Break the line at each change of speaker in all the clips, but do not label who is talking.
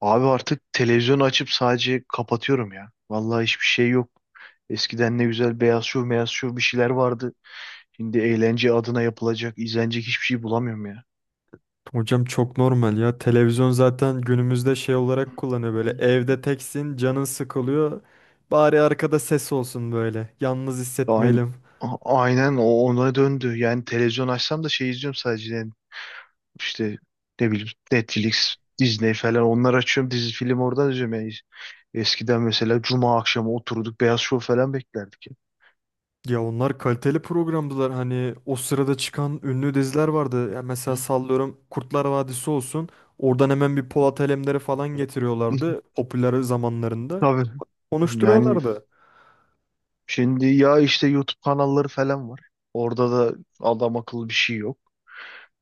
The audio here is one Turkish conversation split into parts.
Abi artık televizyonu açıp sadece kapatıyorum ya. Vallahi hiçbir şey yok. Eskiden ne güzel beyaz şov bir şeyler vardı. Şimdi eğlence adına yapılacak, izlenecek hiçbir şey bulamıyorum ya.
Hocam çok normal ya. Televizyon zaten günümüzde şey olarak kullanıyor böyle. Evde teksin, canın sıkılıyor. Bari arkada ses olsun böyle. Yalnız
Aynen,
hissetmeyelim.
aynen o ona döndü. Yani televizyon açsam da şey izliyorum sadece. Yani işte ne bileyim Netflix, Disney falan onları açıyorum. Dizi film oradan izliyorum. Yani eskiden mesela cuma akşamı oturduk beyaz şov falan beklerdik ya.
Ya onlar kaliteli programdılar. Hani o sırada çıkan ünlü diziler vardı. Ya mesela sallıyorum Kurtlar Vadisi olsun. Oradan hemen bir Polat Alemdar'ı falan
Hı.
getiriyorlardı. Popüler zamanlarında.
Tabii. Yani
Konuşturuyorlardı.
şimdi ya işte YouTube kanalları falan var. Orada da adam akıllı bir şey yok.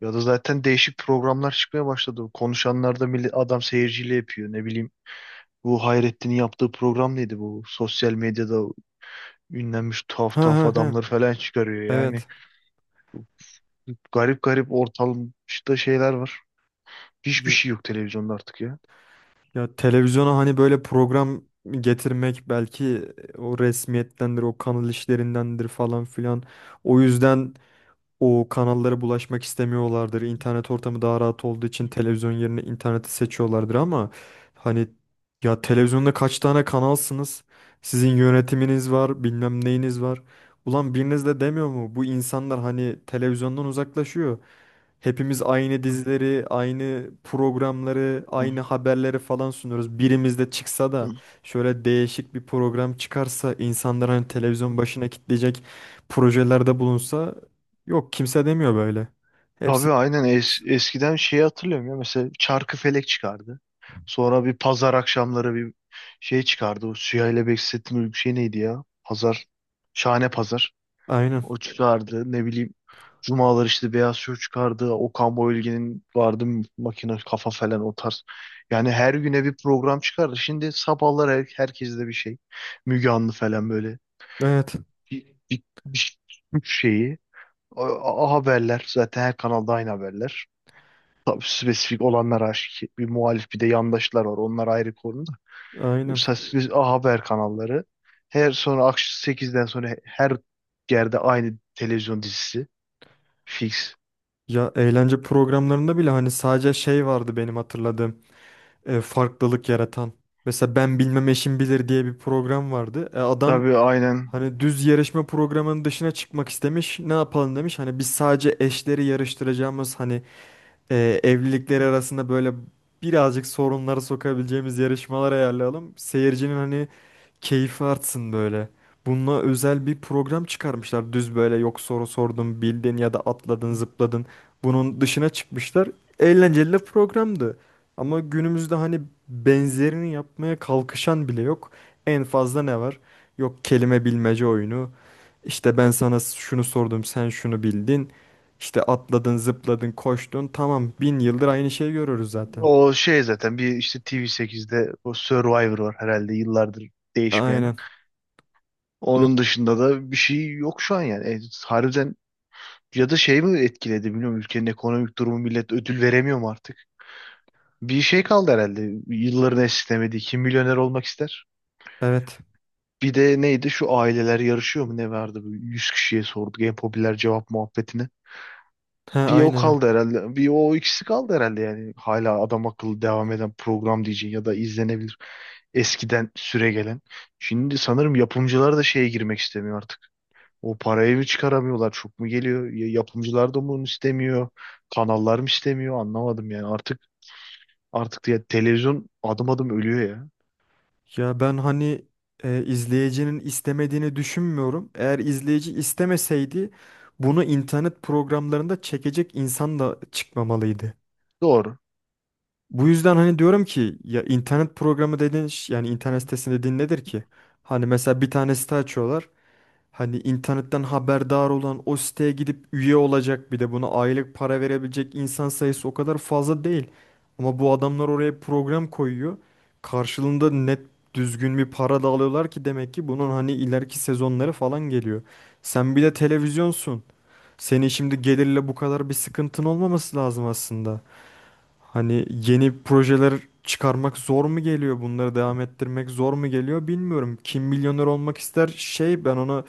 Ya da zaten değişik programlar çıkmaya başladı. Konuşanlarda millet, adam seyirciyle yapıyor. Ne bileyim bu Hayrettin'in yaptığı program neydi bu? Sosyal medyada ünlenmiş tuhaf
Ha ha
tuhaf
ha.
adamları falan çıkarıyor. Yani
Evet.
garip garip ortalıkta şeyler var. Hiçbir şey yok televizyonda artık ya.
Ya televizyona hani böyle program getirmek belki o resmiyettendir, o kanal işlerindendir falan filan. O yüzden o kanallara bulaşmak istemiyorlardır. İnternet ortamı daha rahat olduğu için televizyon yerine interneti seçiyorlardır ama hani ya televizyonda kaç tane kanalsınız? Sizin yönetiminiz var, bilmem neyiniz var. Ulan biriniz de demiyor mu? Bu insanlar hani televizyondan uzaklaşıyor. Hepimiz aynı
Hı,
dizileri, aynı programları,
hı,
aynı haberleri falan sunuyoruz. Birimiz de çıksa
hı.
da şöyle değişik bir program çıkarsa, insanlar hani televizyon başına kitleyecek projelerde bulunsa. Yok, kimse demiyor böyle. Hepsi
Tabii aynen. Es-
biraz.
eskiden şeyi hatırlıyorum ya, mesela Çarkıfelek çıkardı. Sonra bir pazar akşamları bir şey çıkardı. O Süheyl ile Behzettin Uygun şey neydi ya? Pazar. Şahane Pazar.
Aynen.
O çıkardı. Ne bileyim cumalar işte Beyaz Şov çıkardı. Okan Bayülgen'in vardı, makine kafa falan o tarz. Yani her güne bir program çıkardı. Şimdi sabahlar herkes de bir şey. Müge Anlı falan böyle.
Evet.
Bir, bir, bir şeyi. Haberler. Zaten her kanalda aynı haberler. Tabii spesifik olanlar aşikar. Bir muhalif bir de yandaşlar var. Onlar ayrı konuda.
Aynen.
Spesifik A Haber kanalları. Her sonra akşam 8'den sonra her yerde aynı televizyon dizisi. Fix.
Ya eğlence programlarında bile hani sadece şey vardı benim hatırladığım. Farklılık yaratan. Mesela ben bilmem eşim bilir diye bir program vardı. Adam
Tabii aynen.
hani düz yarışma programının dışına çıkmak istemiş. Ne yapalım demiş. Hani biz sadece eşleri yarıştıracağımız hani evlilikleri arasında böyle birazcık sorunları sokabileceğimiz yarışmalar ayarlayalım. Seyircinin hani keyfi artsın böyle. Bununla özel bir program çıkarmışlar. Düz böyle yok, soru sordun, bildin ya da atladın, zıpladın. Bunun dışına çıkmışlar. Eğlenceli de programdı. Ama günümüzde hani benzerini yapmaya kalkışan bile yok. En fazla ne var? Yok, kelime bilmece oyunu. İşte ben sana şunu sordum, sen şunu bildin. İşte atladın, zıpladın, koştun. Tamam, bin yıldır aynı şeyi görürüz zaten.
O şey zaten bir işte TV8'de o Survivor var herhalde, yıllardır değişmeyen.
Aynen.
Onun
Yok.
dışında da bir şey yok şu an yani. Harbiden, ya da şey mi etkiledi bilmiyorum, ülkenin ekonomik durumu millet ödül veremiyor mu artık? Bir şey kaldı herhalde. Yılların esnemediği, kim milyoner olmak ister?
Evet.
Bir de neydi şu aileler yarışıyor mu ne vardı? Bu 100 kişiye sorduk, en popüler cevap muhabbetini.
He,
Bir o
aynen.
kaldı herhalde. Bir o ikisi kaldı herhalde yani. Hala adam akıllı devam eden program diyeceğin ya da izlenebilir. Eskiden süre gelen. Şimdi sanırım yapımcılar da şeye girmek istemiyor artık. O parayı mı çıkaramıyorlar? Çok mu geliyor? Yapımcılar da mı bunu istemiyor? Kanallar mı istemiyor? Anlamadım yani. Artık ya televizyon adım adım ölüyor ya.
Ya ben hani izleyicinin istemediğini düşünmüyorum. Eğer izleyici istemeseydi bunu internet programlarında çekecek insan da çıkmamalıydı.
Doğru.
Bu yüzden hani diyorum ki ya internet programı yani internet sitesi dediğin nedir ki? Hani mesela bir tane site açıyorlar. Hani internetten haberdar olan o siteye gidip üye olacak bir de buna aylık para verebilecek insan sayısı o kadar fazla değil. Ama bu adamlar oraya program koyuyor. Karşılığında net, düzgün bir para da alıyorlar ki demek ki bunun hani ileriki sezonları falan geliyor. Sen bir de televizyonsun. Senin şimdi gelirle bu kadar bir sıkıntın olmaması lazım aslında. Hani yeni projeler çıkarmak zor mu geliyor? Bunları devam ettirmek zor mu geliyor bilmiyorum. Kim milyoner olmak ister şey, ben ona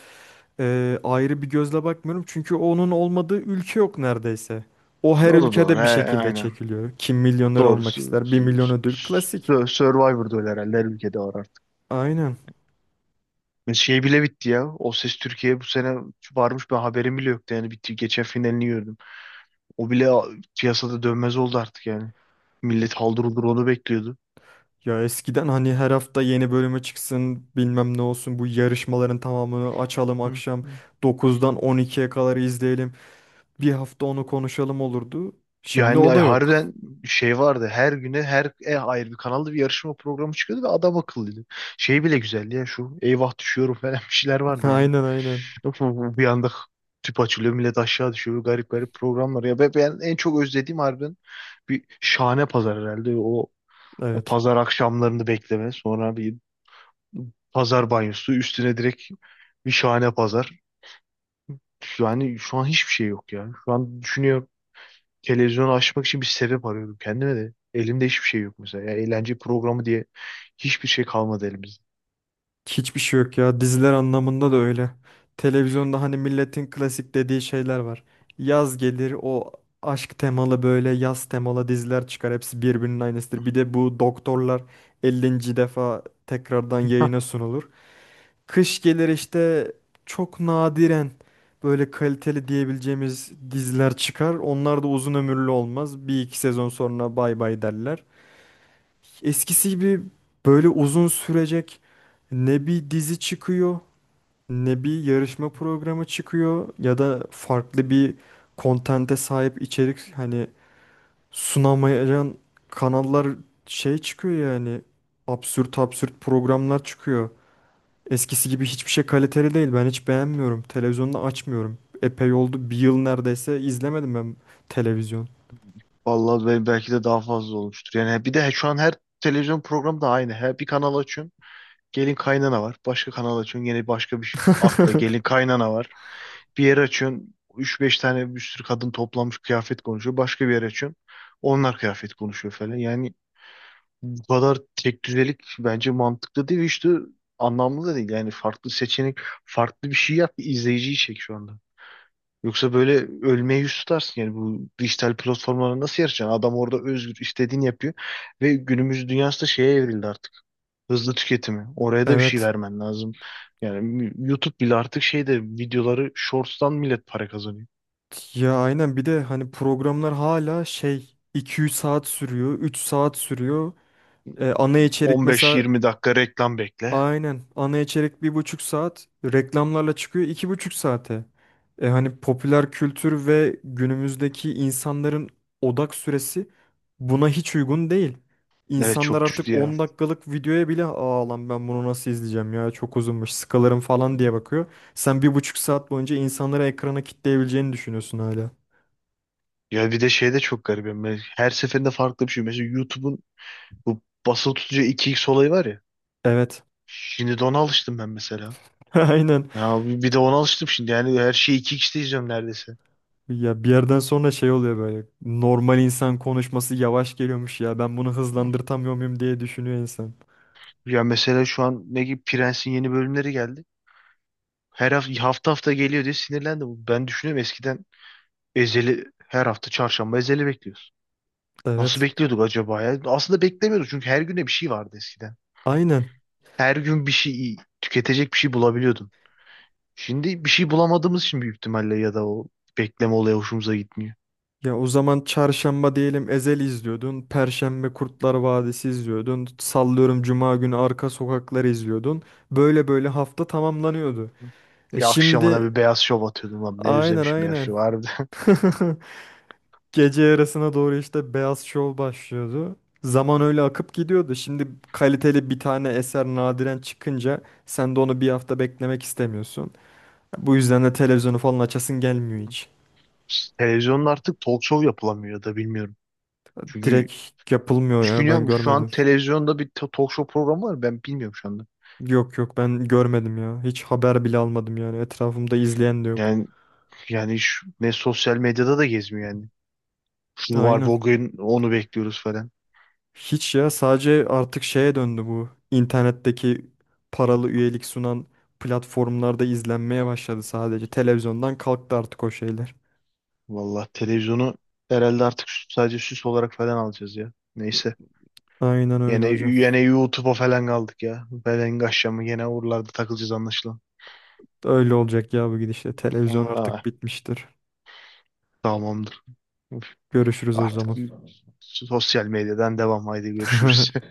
ayrı bir gözle bakmıyorum. Çünkü onun olmadığı ülke yok neredeyse. O her
O da doğru. He,
ülkede bir şekilde
aynen.
çekiliyor. Kim milyoner
Doğru.
olmak ister? Bir milyon ödül klasik.
Survivor'da öyle herhalde. Her ülkede var artık.
Aynen.
Ve şey bile bitti ya. O Ses Türkiye bu sene varmış. Ben haberim bile yoktu. Yani bitti. Geçen finalini gördüm. O bile piyasada dönmez oldu artık yani. Millet haldır huldur onu bekliyordu.
Ya eskiden hani her hafta yeni bölümü çıksın bilmem ne olsun bu yarışmaların tamamını açalım akşam
Hı.
9'dan 12'ye kadar izleyelim. Bir hafta onu konuşalım olurdu. Şimdi
Yani
o
ay,
da yok.
harbiden şey vardı. Her güne her ayrı bir kanalda bir yarışma programı çıkıyordu ve adam akıllıydı. Şey bile güzeldi ya, şu eyvah düşüyorum falan bir şeyler vardı yani.
Aynen, aynen.
Yok mu Bir anda tüp açılıyor, millet aşağı düşüyor. Garip garip programlar. Ya ben en çok özlediğim harbiden bir şahane pazar herhalde. O
Evet.
pazar akşamlarını bekleme. Sonra bir pazar banyosu üstüne direkt bir şahane pazar. Yani şu an hiçbir şey yok ya. Şu an düşünüyorum, televizyonu açmak için bir sebep arıyordum kendime de. Elimde hiçbir şey yok mesela. Ya eğlence programı diye hiçbir şey kalmadı elimizde.
Hiçbir şey yok ya. Diziler anlamında da öyle. Televizyonda hani milletin klasik dediği şeyler var. Yaz gelir o aşk temalı böyle yaz temalı diziler çıkar. Hepsi birbirinin aynısıdır. Bir de bu doktorlar 50. defa tekrardan yayına sunulur. Kış gelir, işte çok nadiren böyle kaliteli diyebileceğimiz diziler çıkar. Onlar da uzun ömürlü olmaz. Bir iki sezon sonra bay bay derler. Eskisi gibi böyle uzun sürecek ne bir dizi çıkıyor, ne bir yarışma programı çıkıyor ya da farklı bir kontente sahip içerik hani sunamayan kanallar şey çıkıyor yani absürt absürt programlar çıkıyor. Eskisi gibi hiçbir şey kaliteli değil. Ben hiç beğenmiyorum. Televizyonda açmıyorum. Epey oldu. Bir yıl neredeyse izlemedim ben televizyon.
Vallahi belki de daha fazla olmuştur. Yani bir de şu an her televizyon programı da aynı. Her bir kanal açıyorsun, gelin kaynana var. Başka kanal açıyorsun, yine başka bir atla gelin kaynana var. Bir yer açıyorsun, üç beş tane bir sürü kadın toplanmış kıyafet konuşuyor. Başka bir yer açıyorsun, onlar kıyafet konuşuyor falan. Yani bu kadar tek düzelik bence mantıklı değil ve işte anlamlı da değil. Yani farklı seçenek, farklı bir şey yap ki izleyiciyi çek şu anda. Yoksa böyle ölmeye yüz tutarsın yani. Bu dijital platformlara nasıl yarışacaksın? Adam orada özgür, istediğini yapıyor ve günümüz dünyası da şeye evrildi artık. Hızlı tüketimi. Oraya da bir şey
Evet.
vermen lazım. Yani YouTube bile artık şeyde, videoları shorts'tan millet para kazanıyor.
Ya aynen, bir de hani programlar hala şey iki üç saat sürüyor, üç saat sürüyor. Ana içerik mesela.
15-20 dakika reklam bekle.
Aynen. Ana içerik bir buçuk saat. Reklamlarla çıkıyor iki buçuk saate. E hani popüler kültür ve günümüzdeki insanların odak süresi buna hiç uygun değil.
Evet
İnsanlar
çok
artık
düştü ya.
10 dakikalık videoya bile aa lan ben bunu nasıl izleyeceğim ya çok uzunmuş sıkılırım falan diye bakıyor. Sen bir buçuk saat boyunca insanları ekrana kitleyebileceğini düşünüyorsun hala.
Ya bir de şey de çok garip. Yani her seferinde farklı bir şey. Mesela YouTube'un bu basılı tutucu 2x olayı var ya.
Evet.
Şimdi de ona alıştım ben mesela.
Aynen.
Ya bir de ona alıştım şimdi. Yani her şeyi 2x'te izliyorum neredeyse.
Ya bir yerden sonra şey oluyor böyle. Normal insan konuşması yavaş geliyormuş ya. Ben bunu hızlandırtamıyor muyum diye düşünüyor insan.
Ya mesela şu an ne gibi Prens'in yeni bölümleri geldi. Her hafta, hafta hafta geliyor diye sinirlendim. Ben düşünüyorum, eskiden Ezeli, her hafta çarşamba Ezeli bekliyoruz. Nasıl
Evet.
bekliyorduk acaba ya? Aslında beklemiyorduk çünkü her güne bir şey vardı eskiden.
Aynen.
Her gün bir şey, tüketecek bir şey bulabiliyordun. Şimdi bir şey bulamadığımız için büyük ihtimalle, ya da o bekleme olayı hoşumuza gitmiyor.
Ya o zaman çarşamba diyelim Ezel izliyordun. Perşembe Kurtlar Vadisi izliyordun. Sallıyorum cuma günü Arka Sokaklar izliyordun. Böyle böyle hafta tamamlanıyordu. E
Ya akşamına
şimdi,
bir beyaz şov atıyordum abi. Ne
aynen
özlemişim beyaz
aynen.
şov harbiden.
Gece yarısına doğru işte Beyaz Şov başlıyordu. Zaman öyle akıp gidiyordu. Şimdi kaliteli bir tane eser nadiren çıkınca sen de onu bir hafta beklemek istemiyorsun. Bu yüzden de televizyonu falan açasın gelmiyor hiç.
Televizyonda artık talk show yapılamıyor ya da bilmiyorum. Çünkü
Direkt yapılmıyor ya, ben
düşünüyorum, şu an
görmedim.
televizyonda bir talk show programı var, ben bilmiyorum şu anda.
Yok yok, ben görmedim ya. Hiç haber bile almadım yani. Etrafımda izleyen de yok.
Yani yani ne sosyal medyada da gezmiyor yani. Şunu var
Aynen.
bugün, onu bekliyoruz falan.
Hiç, ya sadece artık şeye döndü bu. İnternetteki paralı üyelik sunan platformlarda izlenmeye başladı sadece. Televizyondan kalktı artık o şeyler.
Vallahi televizyonu herhalde artık sadece süs olarak falan alacağız ya. Neyse.
Aynen öyle
Yine,
hocam.
yine YouTube'a falan kaldık ya. Belen aşamı yine oralarda takılacağız anlaşılan.
Öyle olacak ya bu gidişle. Televizyon
Aa,
artık bitmiştir.
tamamdır. Üf,
Görüşürüz o
artık
zaman.
sosyal medyadan devam. Haydi görüşürüz.